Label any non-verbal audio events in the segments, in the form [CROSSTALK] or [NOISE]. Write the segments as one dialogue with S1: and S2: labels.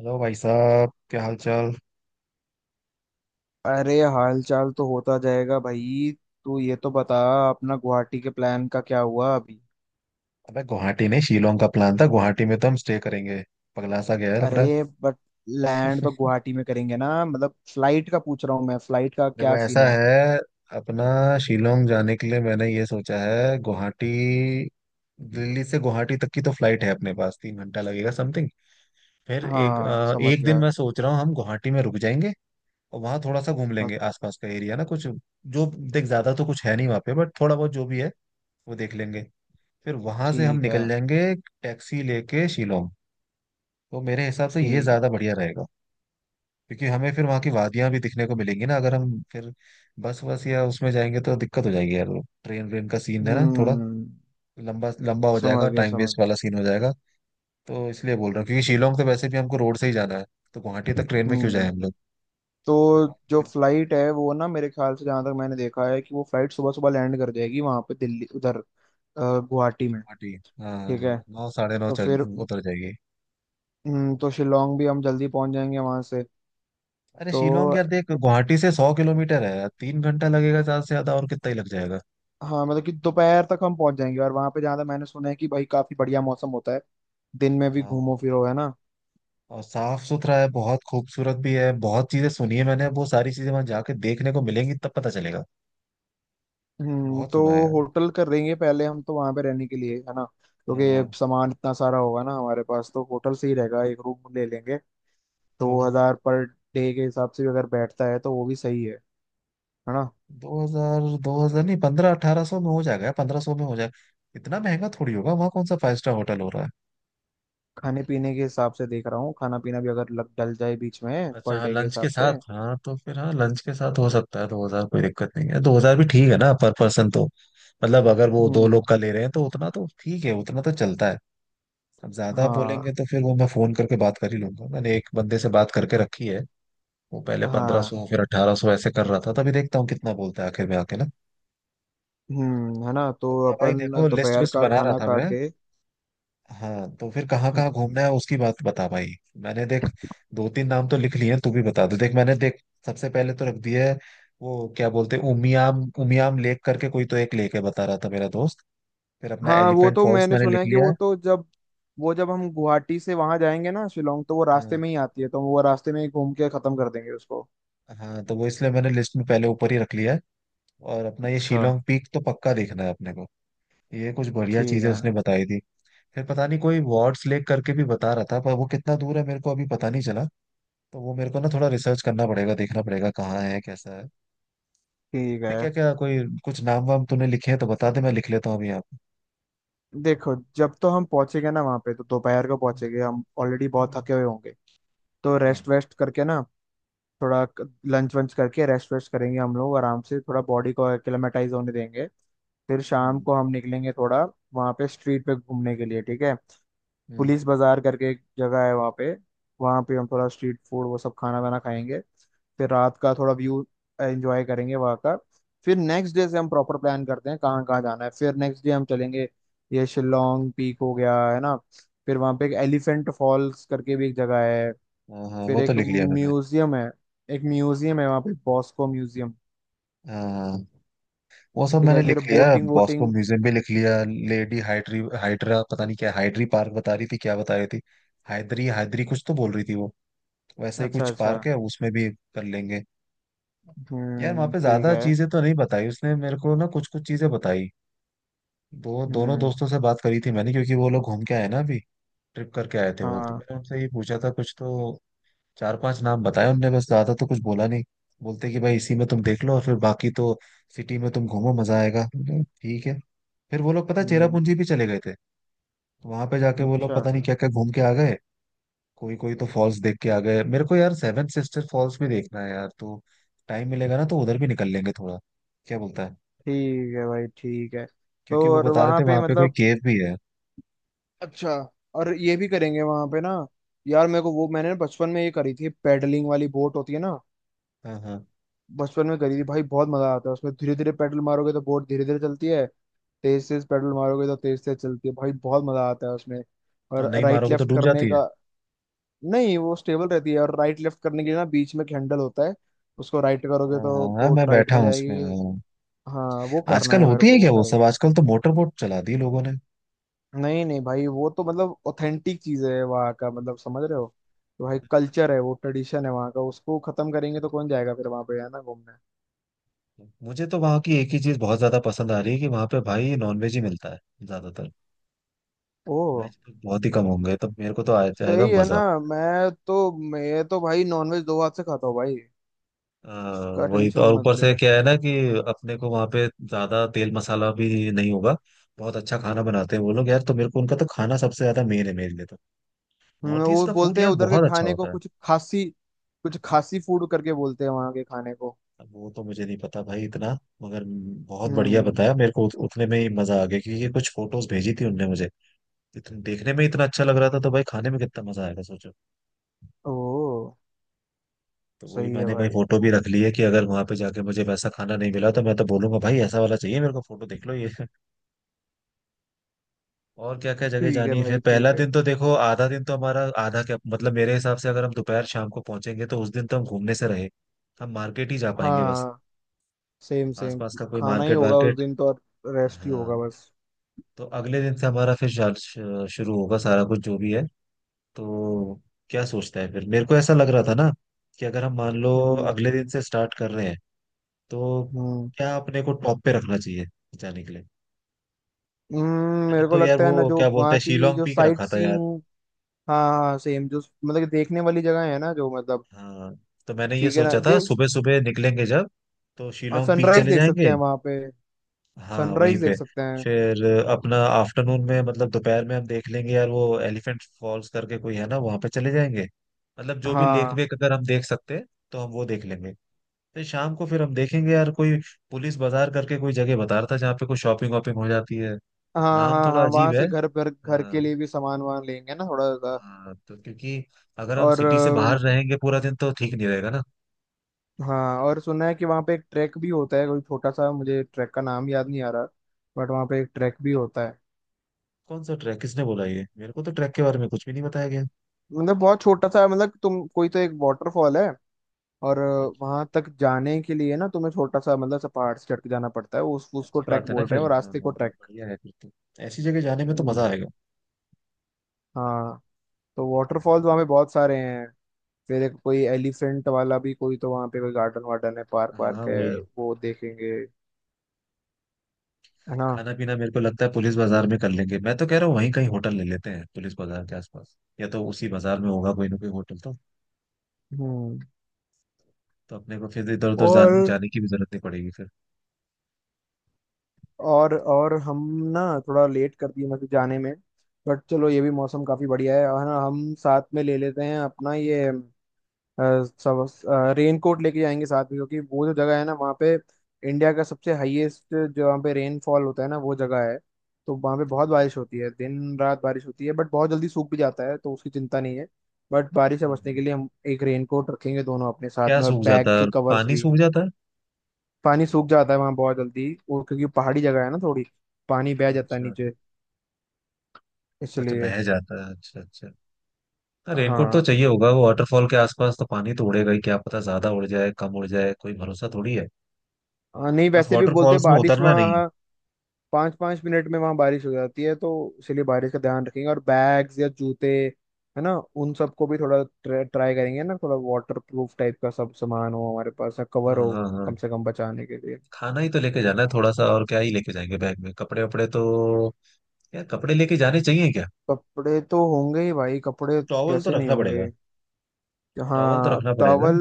S1: Hello भाई साहब, क्या हाल चाल।
S2: अरे हाल चाल तो होता जाएगा भाई। तू ये तो बता, अपना गुवाहाटी के प्लान का क्या हुआ अभी।
S1: अबे गुवाहाटी नहीं, शिलोंग का प्लान था। गुवाहाटी में तो हम स्टे करेंगे। पगला सा गया है लग रहा
S2: अरे बट लैंड तो
S1: है।
S2: गुवाहाटी में करेंगे ना, मतलब फ्लाइट का पूछ रहा हूँ मैं, फ्लाइट का
S1: [LAUGHS] देखो
S2: क्या
S1: ऐसा
S2: सीन है।
S1: है, अपना शिलोंग जाने के लिए मैंने ये सोचा है। गुवाहाटी, दिल्ली से गुवाहाटी तक की तो फ्लाइट है अपने पास, 3 घंटा लगेगा समथिंग। फिर एक
S2: हाँ,
S1: अ,
S2: समझ
S1: एक दिन
S2: गया।
S1: मैं सोच रहा हूँ हम गुवाहाटी में रुक जाएंगे और वहाँ थोड़ा सा घूम
S2: अब।
S1: लेंगे आसपास का एरिया ना, कुछ जो। देख, ज्यादा तो कुछ है नहीं वहाँ पे, बट थोड़ा बहुत जो भी है वो देख लेंगे। फिर वहां से हम
S2: ठीक है।
S1: निकल जाएंगे टैक्सी लेके शिलोंग। तो मेरे हिसाब से ये
S2: ठीक है।
S1: ज्यादा बढ़िया रहेगा, क्योंकि हमें फिर वहाँ की वादियां भी दिखने को मिलेंगी ना। अगर हम फिर बस बस या उसमें जाएंगे तो दिक्कत हो जाएगी यार। ट्रेन व्रेन का सीन है ना थोड़ा,
S2: हम्म,
S1: लंबा लंबा हो जाएगा,
S2: समझ गया,
S1: टाइम
S2: समझ
S1: वेस्ट वाला सीन हो जाएगा। तो इसलिए बोल रहा हूँ, क्योंकि शिलोंग तो वैसे भी हमको रोड से ही जाना है, तो गुवाहाटी तक ट्रेन में क्यों जाए
S2: हम्म।
S1: हम लोग।
S2: तो जो
S1: गुवाहाटी।
S2: फ्लाइट है वो ना, मेरे ख्याल से जहां तक मैंने देखा है, कि वो फ्लाइट सुबह सुबह लैंड कर जाएगी वहां पे दिल्ली उधर, गुवाहाटी में। ठीक है।
S1: हाँ। नौ साढ़े नौ
S2: तो
S1: चल
S2: फिर।
S1: उतर जाएगी।
S2: तो शिलोंग भी हम जल्दी पहुंच जाएंगे वहां से।
S1: अरे
S2: तो
S1: शिलोंग यार, देख, गुवाहाटी से 100 किलोमीटर है, 3 घंटा लगेगा ज्यादा से ज्यादा, और कितना ही लग जाएगा।
S2: हाँ, मतलब कि दोपहर तक हम पहुंच जाएंगे, और वहां पे जहाँ तक मैंने सुना है, कि भाई काफी बढ़िया मौसम होता है। दिन में भी
S1: हाँ।
S2: घूमो फिरो, है ना।
S1: और साफ सुथरा है, बहुत खूबसूरत भी है, बहुत चीजें सुनी है मैंने। वो सारी चीजें वहां जाके देखने को मिलेंगी, तब पता चलेगा।
S2: हम्म।
S1: बहुत
S2: तो
S1: सुना है यार।
S2: होटल कर देंगे पहले हम, तो वहां पे रहने के लिए, है ना।
S1: हाँ, हाँ।
S2: क्योंकि सामान इतना सारा होगा ना हमारे पास, तो होटल से ही रहेगा, एक रूम ले लेंगे।
S1: हाँ,
S2: 2000 पर डे के हिसाब से भी अगर बैठता है तो वो भी सही है ना।
S1: 2000, 2000 नहीं, पंद्रह अठारह सौ में हो जाएगा, 1500 में हो जाएगा। इतना महंगा थोड़ी होगा, वहाँ कौन सा फाइव स्टार होटल हो रहा है।
S2: खाने पीने के हिसाब से देख रहा हूँ, खाना पीना भी अगर लग डल जाए बीच में,
S1: अच्छा
S2: पर
S1: हाँ,
S2: डे के
S1: लंच के
S2: हिसाब से।
S1: साथ। हाँ तो फिर हाँ, लंच के साथ हो सकता है 2000, कोई दिक्कत नहीं है। 2000 भी ठीक है ना पर पर्सन तो, मतलब अगर वो दो लोग
S2: हम्म।
S1: का ले रहे हैं तो उतना तो ठीक है, उतना तो चलता है। अब ज्यादा
S2: हाँ,
S1: बोलेंगे तो फिर वो मैं फोन करके बात कर ही लूंगा। मैंने एक बंदे से बात करके रखी है। वो पहले पंद्रह
S2: हाँ।
S1: सौ फिर 1800 ऐसे कर रहा था, तभी देखता हूँ कितना बोलता है आखिर में आके ना।
S2: है ना, तो
S1: अपना भाई
S2: अपन
S1: देखो, लिस्ट
S2: दोपहर
S1: विस्ट
S2: का
S1: बना रहा
S2: खाना
S1: था
S2: खा
S1: मैं।
S2: के।
S1: हाँ तो फिर कहाँ कहाँ घूमना है उसकी बात बता भाई। मैंने देख, दो तीन नाम तो लिख लिए हैं, तू भी बता दे। देख मैंने देख, सबसे पहले तो रख दिया है वो क्या बोलते हैं उमियाम, उमियाम लेक करके कोई तो एक लेक है, बता रहा था मेरा दोस्त। फिर अपना
S2: हाँ, वो
S1: एलिफेंट
S2: तो
S1: फॉल्स
S2: मैंने
S1: मैंने
S2: सुना
S1: लिख
S2: है कि
S1: लिया
S2: वो
S1: है।
S2: तो जब, वो जब हम गुवाहाटी से वहां जाएंगे ना शिलोंग, तो वो रास्ते
S1: हाँ।
S2: में ही आती है, तो वो रास्ते में ही घूम के खत्म कर देंगे उसको।
S1: हाँ तो वो इसलिए मैंने लिस्ट में पहले ऊपर ही रख लिया है। और अपना ये
S2: अच्छा।
S1: शिलोंग पीक तो पक्का देखना है अपने को। ये कुछ बढ़िया
S2: ठीक
S1: चीजें
S2: है।
S1: उसने बताई थी। फिर पता नहीं कोई वार्ड्स लेक करके भी बता रहा था, पर वो कितना दूर है मेरे को अभी पता नहीं चला। तो वो मेरे को ना थोड़ा रिसर्च करना पड़ेगा, देखना पड़ेगा कहाँ है कैसा है।
S2: ठीक
S1: तूने
S2: है।
S1: क्या क्या कोई कुछ नाम वाम तूने लिखे हैं तो बता दे, मैं लिख लेता हूँ अभी यहाँ पे।
S2: देखो, जब तो हम पहुंचेंगे ना वहां पे, तो दोपहर को
S1: हम्म,
S2: पहुंचेंगे, हम ऑलरेडी बहुत
S1: हम्म।
S2: थके हुए होंगे। तो
S1: हाँ।
S2: रेस्ट वेस्ट करके ना, थोड़ा लंच वंच करके रेस्ट वेस्ट करेंगे हम लोग आराम से, थोड़ा बॉडी को एक्लेमेटाइज होने देंगे। फिर शाम
S1: हम्म,
S2: को हम निकलेंगे थोड़ा, वहाँ पे स्ट्रीट पे घूमने के लिए, ठीक है।
S1: हम्म।
S2: पुलिस बाजार करके एक जगह है वहाँ पे, वहाँ पे हम थोड़ा स्ट्रीट फूड वो सब खाना वाना खाएंगे। फिर रात का थोड़ा व्यू एंजॉय करेंगे वहाँ का। फिर नेक्स्ट डे से हम प्रॉपर प्लान करते हैं कहाँ कहाँ जाना है, फिर नेक्स्ट डे हम चलेंगे। ये शिलोंग पीक हो गया है ना। फिर वहाँ पे एक एलिफेंट फॉल्स करके भी एक जगह है।
S1: हाँ हाँ,
S2: फिर
S1: वो तो
S2: एक
S1: लिख लिया मैंने।
S2: म्यूजियम है, एक म्यूजियम है वहाँ पे, बॉस्को म्यूजियम।
S1: हाँ, वो सब
S2: ठीक है।
S1: मैंने
S2: फिर
S1: लिख लिया।
S2: Boating
S1: Bosco
S2: boating.
S1: म्यूजियम भी लिख लिया। लेडी हाइड्री, हाइड्रा पता नहीं क्या, हाइड्री पार्क बता रही थी, क्या बता रही थी, हाइद्री हाइद्री कुछ तो बोल रही थी वो। वैसा ही
S2: अच्छा,
S1: कुछ
S2: अच्छा।
S1: पार्क है, उसमें भी कर लेंगे। यार वहाँ
S2: हम्म,
S1: पे
S2: ठीक
S1: ज्यादा
S2: है।
S1: चीजें तो नहीं बताई उसने मेरे को ना, कुछ कुछ चीजें बताई। वो दोनों
S2: हम्म।
S1: दोस्तों से बात करी थी मैंने, क्योंकि वो लोग घूम के आए ना अभी। ट्रिप करके आए थे, वो तो
S2: हाँ।
S1: मैंने उनसे ही पूछा था कुछ तो। चार पांच नाम बताए उनने बस, ज्यादा तो कुछ बोला नहीं। बोलते कि भाई इसी में तुम देख लो, और फिर बाकी तो सिटी में तुम घूमो, मजा आएगा। मैंने कहा, ठीक है। फिर वो लोग पता है
S2: हम्म।
S1: चेरापूंजी भी चले गए थे। तो वहां पे जाके वो लोग
S2: अच्छा।
S1: पता नहीं क्या क्या घूम के आ गए। कोई कोई तो फॉल्स देख के आ गए। मेरे को यार सेवन सिस्टर फॉल्स भी देखना है यार, तो टाइम मिलेगा ना तो उधर भी निकल लेंगे थोड़ा। क्या बोलता है।
S2: ठीक है भाई, ठीक है। तो
S1: क्योंकि वो
S2: और
S1: बता रहे
S2: वहाँ
S1: थे
S2: पे
S1: वहां पे कोई
S2: मतलब,
S1: केव भी है।
S2: अच्छा, और ये भी करेंगे वहाँ पे ना। यार मेरे को वो, मैंने ना बचपन में ये करी थी, पैडलिंग वाली बोट होती है ना।
S1: हाँ हाँ।
S2: बचपन में करी थी भाई, बहुत मजा आता है उसमें, धीरे धीरे पेडल मारोगे तो बोट धीरे धीरे चलती है। तेज तेज पेडल मारोगे तो तेज तेज चलती है, भाई बहुत मजा आता है उसमें।
S1: और
S2: और
S1: नहीं
S2: राइट
S1: मारोगे तो
S2: लेफ्ट
S1: डूब
S2: करने
S1: जाती है।
S2: का। नहीं, वो स्टेबल रहती है, और राइट लेफ्ट करने के लिए ना बीच में एक हैंडल होता है। उसको राइट करोगे
S1: हाँ हाँ
S2: तो
S1: हाँ,
S2: बोट
S1: मैं
S2: राइट
S1: बैठा
S2: में
S1: हूँ उसमें
S2: जाएगी।
S1: हाँ।
S2: हाँ, वो करना
S1: आजकल
S2: है मेरे
S1: होती
S2: को,
S1: है
S2: वो
S1: क्या वो सब,
S2: करेंगे।
S1: आजकल तो मोटर बोट चला दी लोगों ने।
S2: नहीं नहीं भाई, वो तो मतलब ऑथेंटिक चीज है वहाँ का, मतलब समझ रहे हो। तो भाई कल्चर है वो, ट्रेडिशन है वहाँ का, उसको खत्म करेंगे तो कौन जाएगा फिर वहाँ पे, है ना, घूमने।
S1: मुझे तो वहाँ की एक ही चीज बहुत ज्यादा पसंद आ रही है कि वहां पे भाई नॉनवेज ही मिलता है ज्यादातर।
S2: ओ।
S1: वेज तो बहुत ही कम होंगे, तो मेरे को तो आ जाएगा
S2: सही है ना,
S1: मजा।
S2: मैं तो भाई नॉनवेज दो हाथ से खाता हूँ भाई।
S1: आ,
S2: उसका
S1: वही तो।
S2: टेंशन
S1: और
S2: मत
S1: ऊपर
S2: ले।
S1: से क्या है ना कि अपने को वहां पे ज्यादा तेल मसाला भी नहीं होगा। बहुत अच्छा खाना बनाते हैं वो लोग यार, तो मेरे को उनका तो खाना सबसे ज्यादा मेन है मेरे लिए तो। नॉर्थ ईस्ट
S2: वो
S1: का फूड
S2: बोलते हैं
S1: यार
S2: उधर के
S1: बहुत अच्छा
S2: खाने को
S1: होता है।
S2: कुछ खासी, कुछ खासी फूड करके बोलते हैं वहां के खाने को।
S1: अब वो तो मुझे नहीं पता भाई इतना, मगर बहुत बढ़िया
S2: हम्म।
S1: बताया मेरे को। उतने में ही मजा आ गया, क्योंकि ये कुछ फोटोज भेजी थी उनने मुझे। इतने देखने में इतना अच्छा लग रहा था, तो भाई खाने में कितना मजा आएगा सोचो।
S2: ओ।
S1: तो वही
S2: सही है
S1: मैंने भाई
S2: भाई।
S1: फोटो भी
S2: हम्म।
S1: रख ली है कि अगर वहां पे जाके मुझे वैसा खाना नहीं मिला तो मैं तो बोलूंगा, भाई ऐसा वाला चाहिए मेरे को, फोटो देख लो ये। [LAUGHS] और क्या क्या जगह
S2: ठीक है
S1: जानी है फिर।
S2: भाई,
S1: पहला
S2: ठीक है।
S1: दिन तो देखो आधा दिन तो हमारा, आधा क्या मतलब, मेरे हिसाब से अगर हम दोपहर शाम को पहुंचेंगे तो उस दिन तो हम घूमने से रहे। हम मार्केट ही जा पाएंगे बस,
S2: हाँ, सेम सेम।
S1: आसपास का कोई
S2: खाना ही
S1: मार्केट
S2: होगा उस
S1: वार्केट।
S2: दिन तो, और रेस्ट ही
S1: हाँ
S2: होगा बस।
S1: तो अगले दिन से हमारा फिर शुरू होगा सारा कुछ जो भी है। तो क्या सोचता है फिर, मेरे को ऐसा लग रहा था ना कि अगर हम मान लो
S2: हम्म।
S1: अगले दिन से स्टार्ट कर रहे हैं, तो
S2: हम्म।
S1: क्या अपने को टॉप पे रखना चाहिए जाने के लिए। मैंने
S2: मेरे को
S1: तो यार
S2: लगता है ना
S1: वो
S2: जो
S1: क्या बोलते
S2: वहाँ
S1: हैं
S2: की
S1: शिलोंग
S2: जो
S1: पीक
S2: साइट
S1: रखा था यार।
S2: सीइंग। हाँ हाँ, सेम, जो मतलब कि देखने वाली जगह है ना जो, मतलब,
S1: हाँ, तो मैंने ये
S2: ठीक है ना
S1: सोचा था
S2: जो।
S1: सुबह सुबह निकलेंगे जब, तो शिलोंग पीक
S2: सनराइज
S1: चले
S2: देख सकते
S1: जाएंगे।
S2: हैं वहां पे।
S1: हाँ वहीं
S2: सनराइज देख
S1: पे।
S2: सकते हैं।
S1: फिर अपना आफ्टरनून में मतलब दोपहर में हम देख लेंगे यार वो एलिफेंट फॉल्स करके कोई है ना, वहां पे चले जाएंगे। मतलब जो भी लेक
S2: हाँ,
S1: वेक अगर हम देख सकते हैं तो हम वो देख लेंगे। फिर शाम को फिर हम देखेंगे यार कोई, पुलिस बाजार करके कोई जगह बता रहा था जहाँ पे कोई शॉपिंग वॉपिंग हो जाती है।
S2: हाँ,
S1: नाम
S2: हाँ।
S1: थोड़ा
S2: हाँ, वहां
S1: अजीब है।
S2: से घर घर घर
S1: हाँ।
S2: के लिए भी सामान वामान लेंगे ना थोड़ा सा।
S1: हाँ तो क्योंकि अगर हम
S2: और
S1: सिटी से बाहर रहेंगे पूरा दिन तो ठीक नहीं रहेगा ना।
S2: हाँ, और सुना है कि वहाँ पे एक ट्रैक भी होता है कोई छोटा सा, मुझे ट्रैक का नाम याद नहीं आ रहा। बट वहाँ पे एक ट्रैक भी होता है।
S1: कौन सा ट्रैक, किसने बोला, ये मेरे को तो ट्रैक के बारे में कुछ भी नहीं बताया गया।
S2: मतलब बहुत छोटा सा, मतलब तुम, कोई तो एक वाटरफॉल है। और वहां तक जाने के लिए ना तुम्हें छोटा सा मतलब सा पहाड़ से चढ़ के जाना पड़ता है, उस उसको
S1: अच्छी
S2: ट्रैक
S1: बात है ना
S2: बोल रहे
S1: फिर,
S2: हैं, और
S1: हाँ
S2: रास्ते
S1: हाँ,
S2: को ट्रैक।
S1: बढ़िया है फिर तो, ऐसी जगह जाने में तो
S2: हम्म।
S1: मजा आएगा।
S2: हाँ। तो वाटरफॉल्स वहाँ पे बहुत सारे हैं। फिर एक कोई एलिफेंट वाला भी कोई, तो वहाँ पे कोई गार्डन वार्डन है, पार्क
S1: हाँ
S2: वार्क है।
S1: वही।
S2: वो देखेंगे, है ना।
S1: खाना पीना मेरे को लगता है पुलिस बाजार में कर लेंगे। मैं तो कह रहा हूँ वहीं कहीं होटल ले लेते हैं पुलिस बाजार के आसपास, या तो उसी बाजार में होगा कोई ना कोई होटल तो।
S2: हम्म।
S1: तो अपने को फिर इधर उधर
S2: और
S1: जाने की भी जरूरत नहीं पड़ेगी फिर।
S2: और हम ना थोड़ा लेट कर दिए मतलब जाने में। बट चलो, ये भी मौसम काफी बढ़िया है, और है ना, हम साथ में ले लेते हैं अपना ये सब। रेनकोट लेके जाएंगे साथ में, क्योंकि वो जो जगह है ना वहाँ पे, इंडिया का सबसे हाईएस्ट जो वहाँ पे रेनफॉल होता है ना, वो जगह है। तो वहाँ पे बहुत
S1: हाँ,
S2: बारिश होती है, दिन रात बारिश होती है, बट बहुत जल्दी सूख भी जाता है, तो उसकी चिंता नहीं है। बट बारिश से बचने
S1: हाँ।
S2: के लिए हम एक रेनकोट रखेंगे दोनों अपने साथ
S1: क्या
S2: में, और
S1: सूख
S2: बैग
S1: जाता है,
S2: के कवर्स
S1: पानी
S2: भी।
S1: सूख जाता है।
S2: पानी सूख जाता है वहाँ बहुत जल्दी, और क्योंकि पहाड़ी जगह है ना थोड़ी, पानी बह जाता है
S1: अच्छा,
S2: नीचे,
S1: अच्छा
S2: इसलिए।
S1: बह जाता है। अच्छा अच्छा। हाँ रेनकोट तो
S2: हाँ,
S1: चाहिए होगा, वो वाटरफॉल के आसपास तो पानी तो उड़ेगा ही, क्या पता ज्यादा उड़ जाए कम उड़ जाए, कोई भरोसा थोड़ी है।
S2: हाँ, नहीं,
S1: बस
S2: वैसे भी बोलते हैं
S1: वाटरफॉल्स में
S2: बारिश
S1: उतरना नहीं।
S2: वहाँ 5 5 मिनट में वहां बारिश हो जाती है तो। इसलिए बारिश का ध्यान रखेंगे, और बैग्स या जूते, है ना, उन सबको भी थोड़ा ट्राई करेंगे ना, थोड़ा वाटर प्रूफ टाइप का सब सामान हो हमारे पास,
S1: हाँ
S2: कवर हो,
S1: हाँ हाँ।
S2: कम से कम बचाने के लिए।
S1: खाना ही तो लेके जाना है थोड़ा सा, और क्या ही लेके जाएंगे बैग में, कपड़े वपड़े तो। यार कपड़े लेके जाने चाहिए क्या।
S2: कपड़े तो होंगे ही भाई, कपड़े
S1: टॉवल तो
S2: कैसे नहीं
S1: रखना
S2: होंगे।
S1: पड़ेगा। टॉवल तो
S2: हाँ,
S1: रखना पड़ेगा।
S2: टॉवल।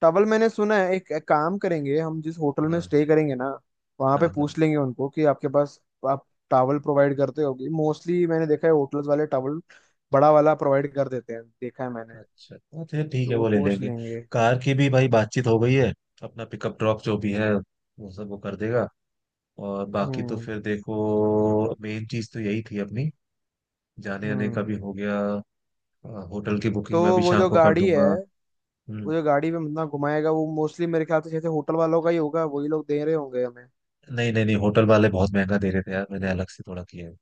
S2: टॉवल मैंने सुना है, एक काम करेंगे हम, जिस होटल में
S1: हाँ
S2: स्टे करेंगे ना वहाँ
S1: हाँ
S2: पे
S1: हाँ।
S2: पूछ लेंगे उनको कि आपके पास आप टॉवल प्रोवाइड करते होगी। मोस्टली मैंने देखा है होटल्स वाले टॉवल बड़ा वाला प्रोवाइड कर देते हैं, देखा है मैंने।
S1: अच्छा हाँ, फिर ठीक
S2: तो
S1: है
S2: वो
S1: वो ले
S2: पूछ
S1: लेंगे।
S2: लेंगे।
S1: कार की भी भाई बातचीत हो गई है, अपना पिकअप ड्रॉप जो भी है वो सब वो कर देगा। और बाकी तो
S2: हम्म।
S1: फिर देखो मेन चीज तो यही थी अपनी, जाने आने का
S2: हम्म।
S1: भी हो गया। होटल की
S2: तो
S1: बुकिंग मैं अभी
S2: वो
S1: शाम
S2: जो
S1: को कर
S2: गाड़ी है,
S1: दूंगा। हम्म।
S2: वो जो गाड़ी में बंदा घुमाएगा, वो मोस्टली मेरे ख्याल से जैसे होटल वालों का ही होगा, वही लोग दे रहे होंगे हमें।
S1: नहीं नहीं नहीं, होटल वाले बहुत महंगा दे रहे थे यार, मैंने अलग से थोड़ा किया है।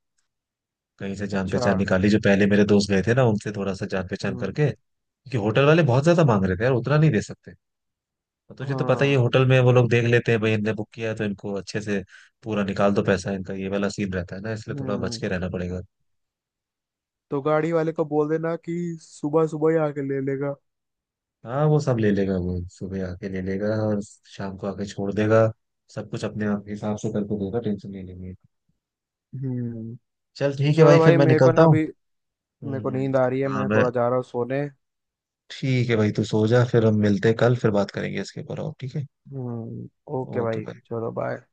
S1: कहीं से जान
S2: अच्छा।
S1: पहचान निकाली, जो पहले मेरे दोस्त गए थे ना, उनसे थोड़ा सा जान पहचान
S2: हम्म।
S1: करके। क्योंकि होटल वाले बहुत ज्यादा मांग रहे थे यार, उतना नहीं दे सकते। और तुझे तो पता ही है
S2: हाँ।
S1: होटल में वो लोग देख लेते हैं, भाई इनने बुक किया है तो इनको अच्छे से पूरा निकाल दो पैसा इनका, ये वाला सीन रहता है ना, इसलिए थोड़ा बच
S2: हम्म।
S1: के रहना पड़ेगा।
S2: तो गाड़ी वाले को बोल देना कि सुबह सुबह ही आके ले लेगा।
S1: हाँ वो सब ले लेगा, वो सुबह आके ले लेगा और शाम को आके छोड़ देगा। सब कुछ अपने आप हिसाब से करके देगा, टेंशन नहीं लेंगे।
S2: हम्म।
S1: चल ठीक है भाई,
S2: चलो
S1: फिर
S2: भाई,
S1: मैं
S2: मेरे को
S1: निकलता
S2: ना
S1: हूँ।
S2: अभी, मेरे को नींद आ
S1: कुछ
S2: रही है, मैं
S1: काम है।
S2: थोड़ा जा रहा हूँ सोने।
S1: ठीक है भाई, तू सो जा, फिर हम मिलते हैं कल, फिर बात करेंगे इसके ऊपर, और ठीक है।
S2: हम्म। ओके
S1: ओके
S2: भाई,
S1: भाई।
S2: चलो बाय।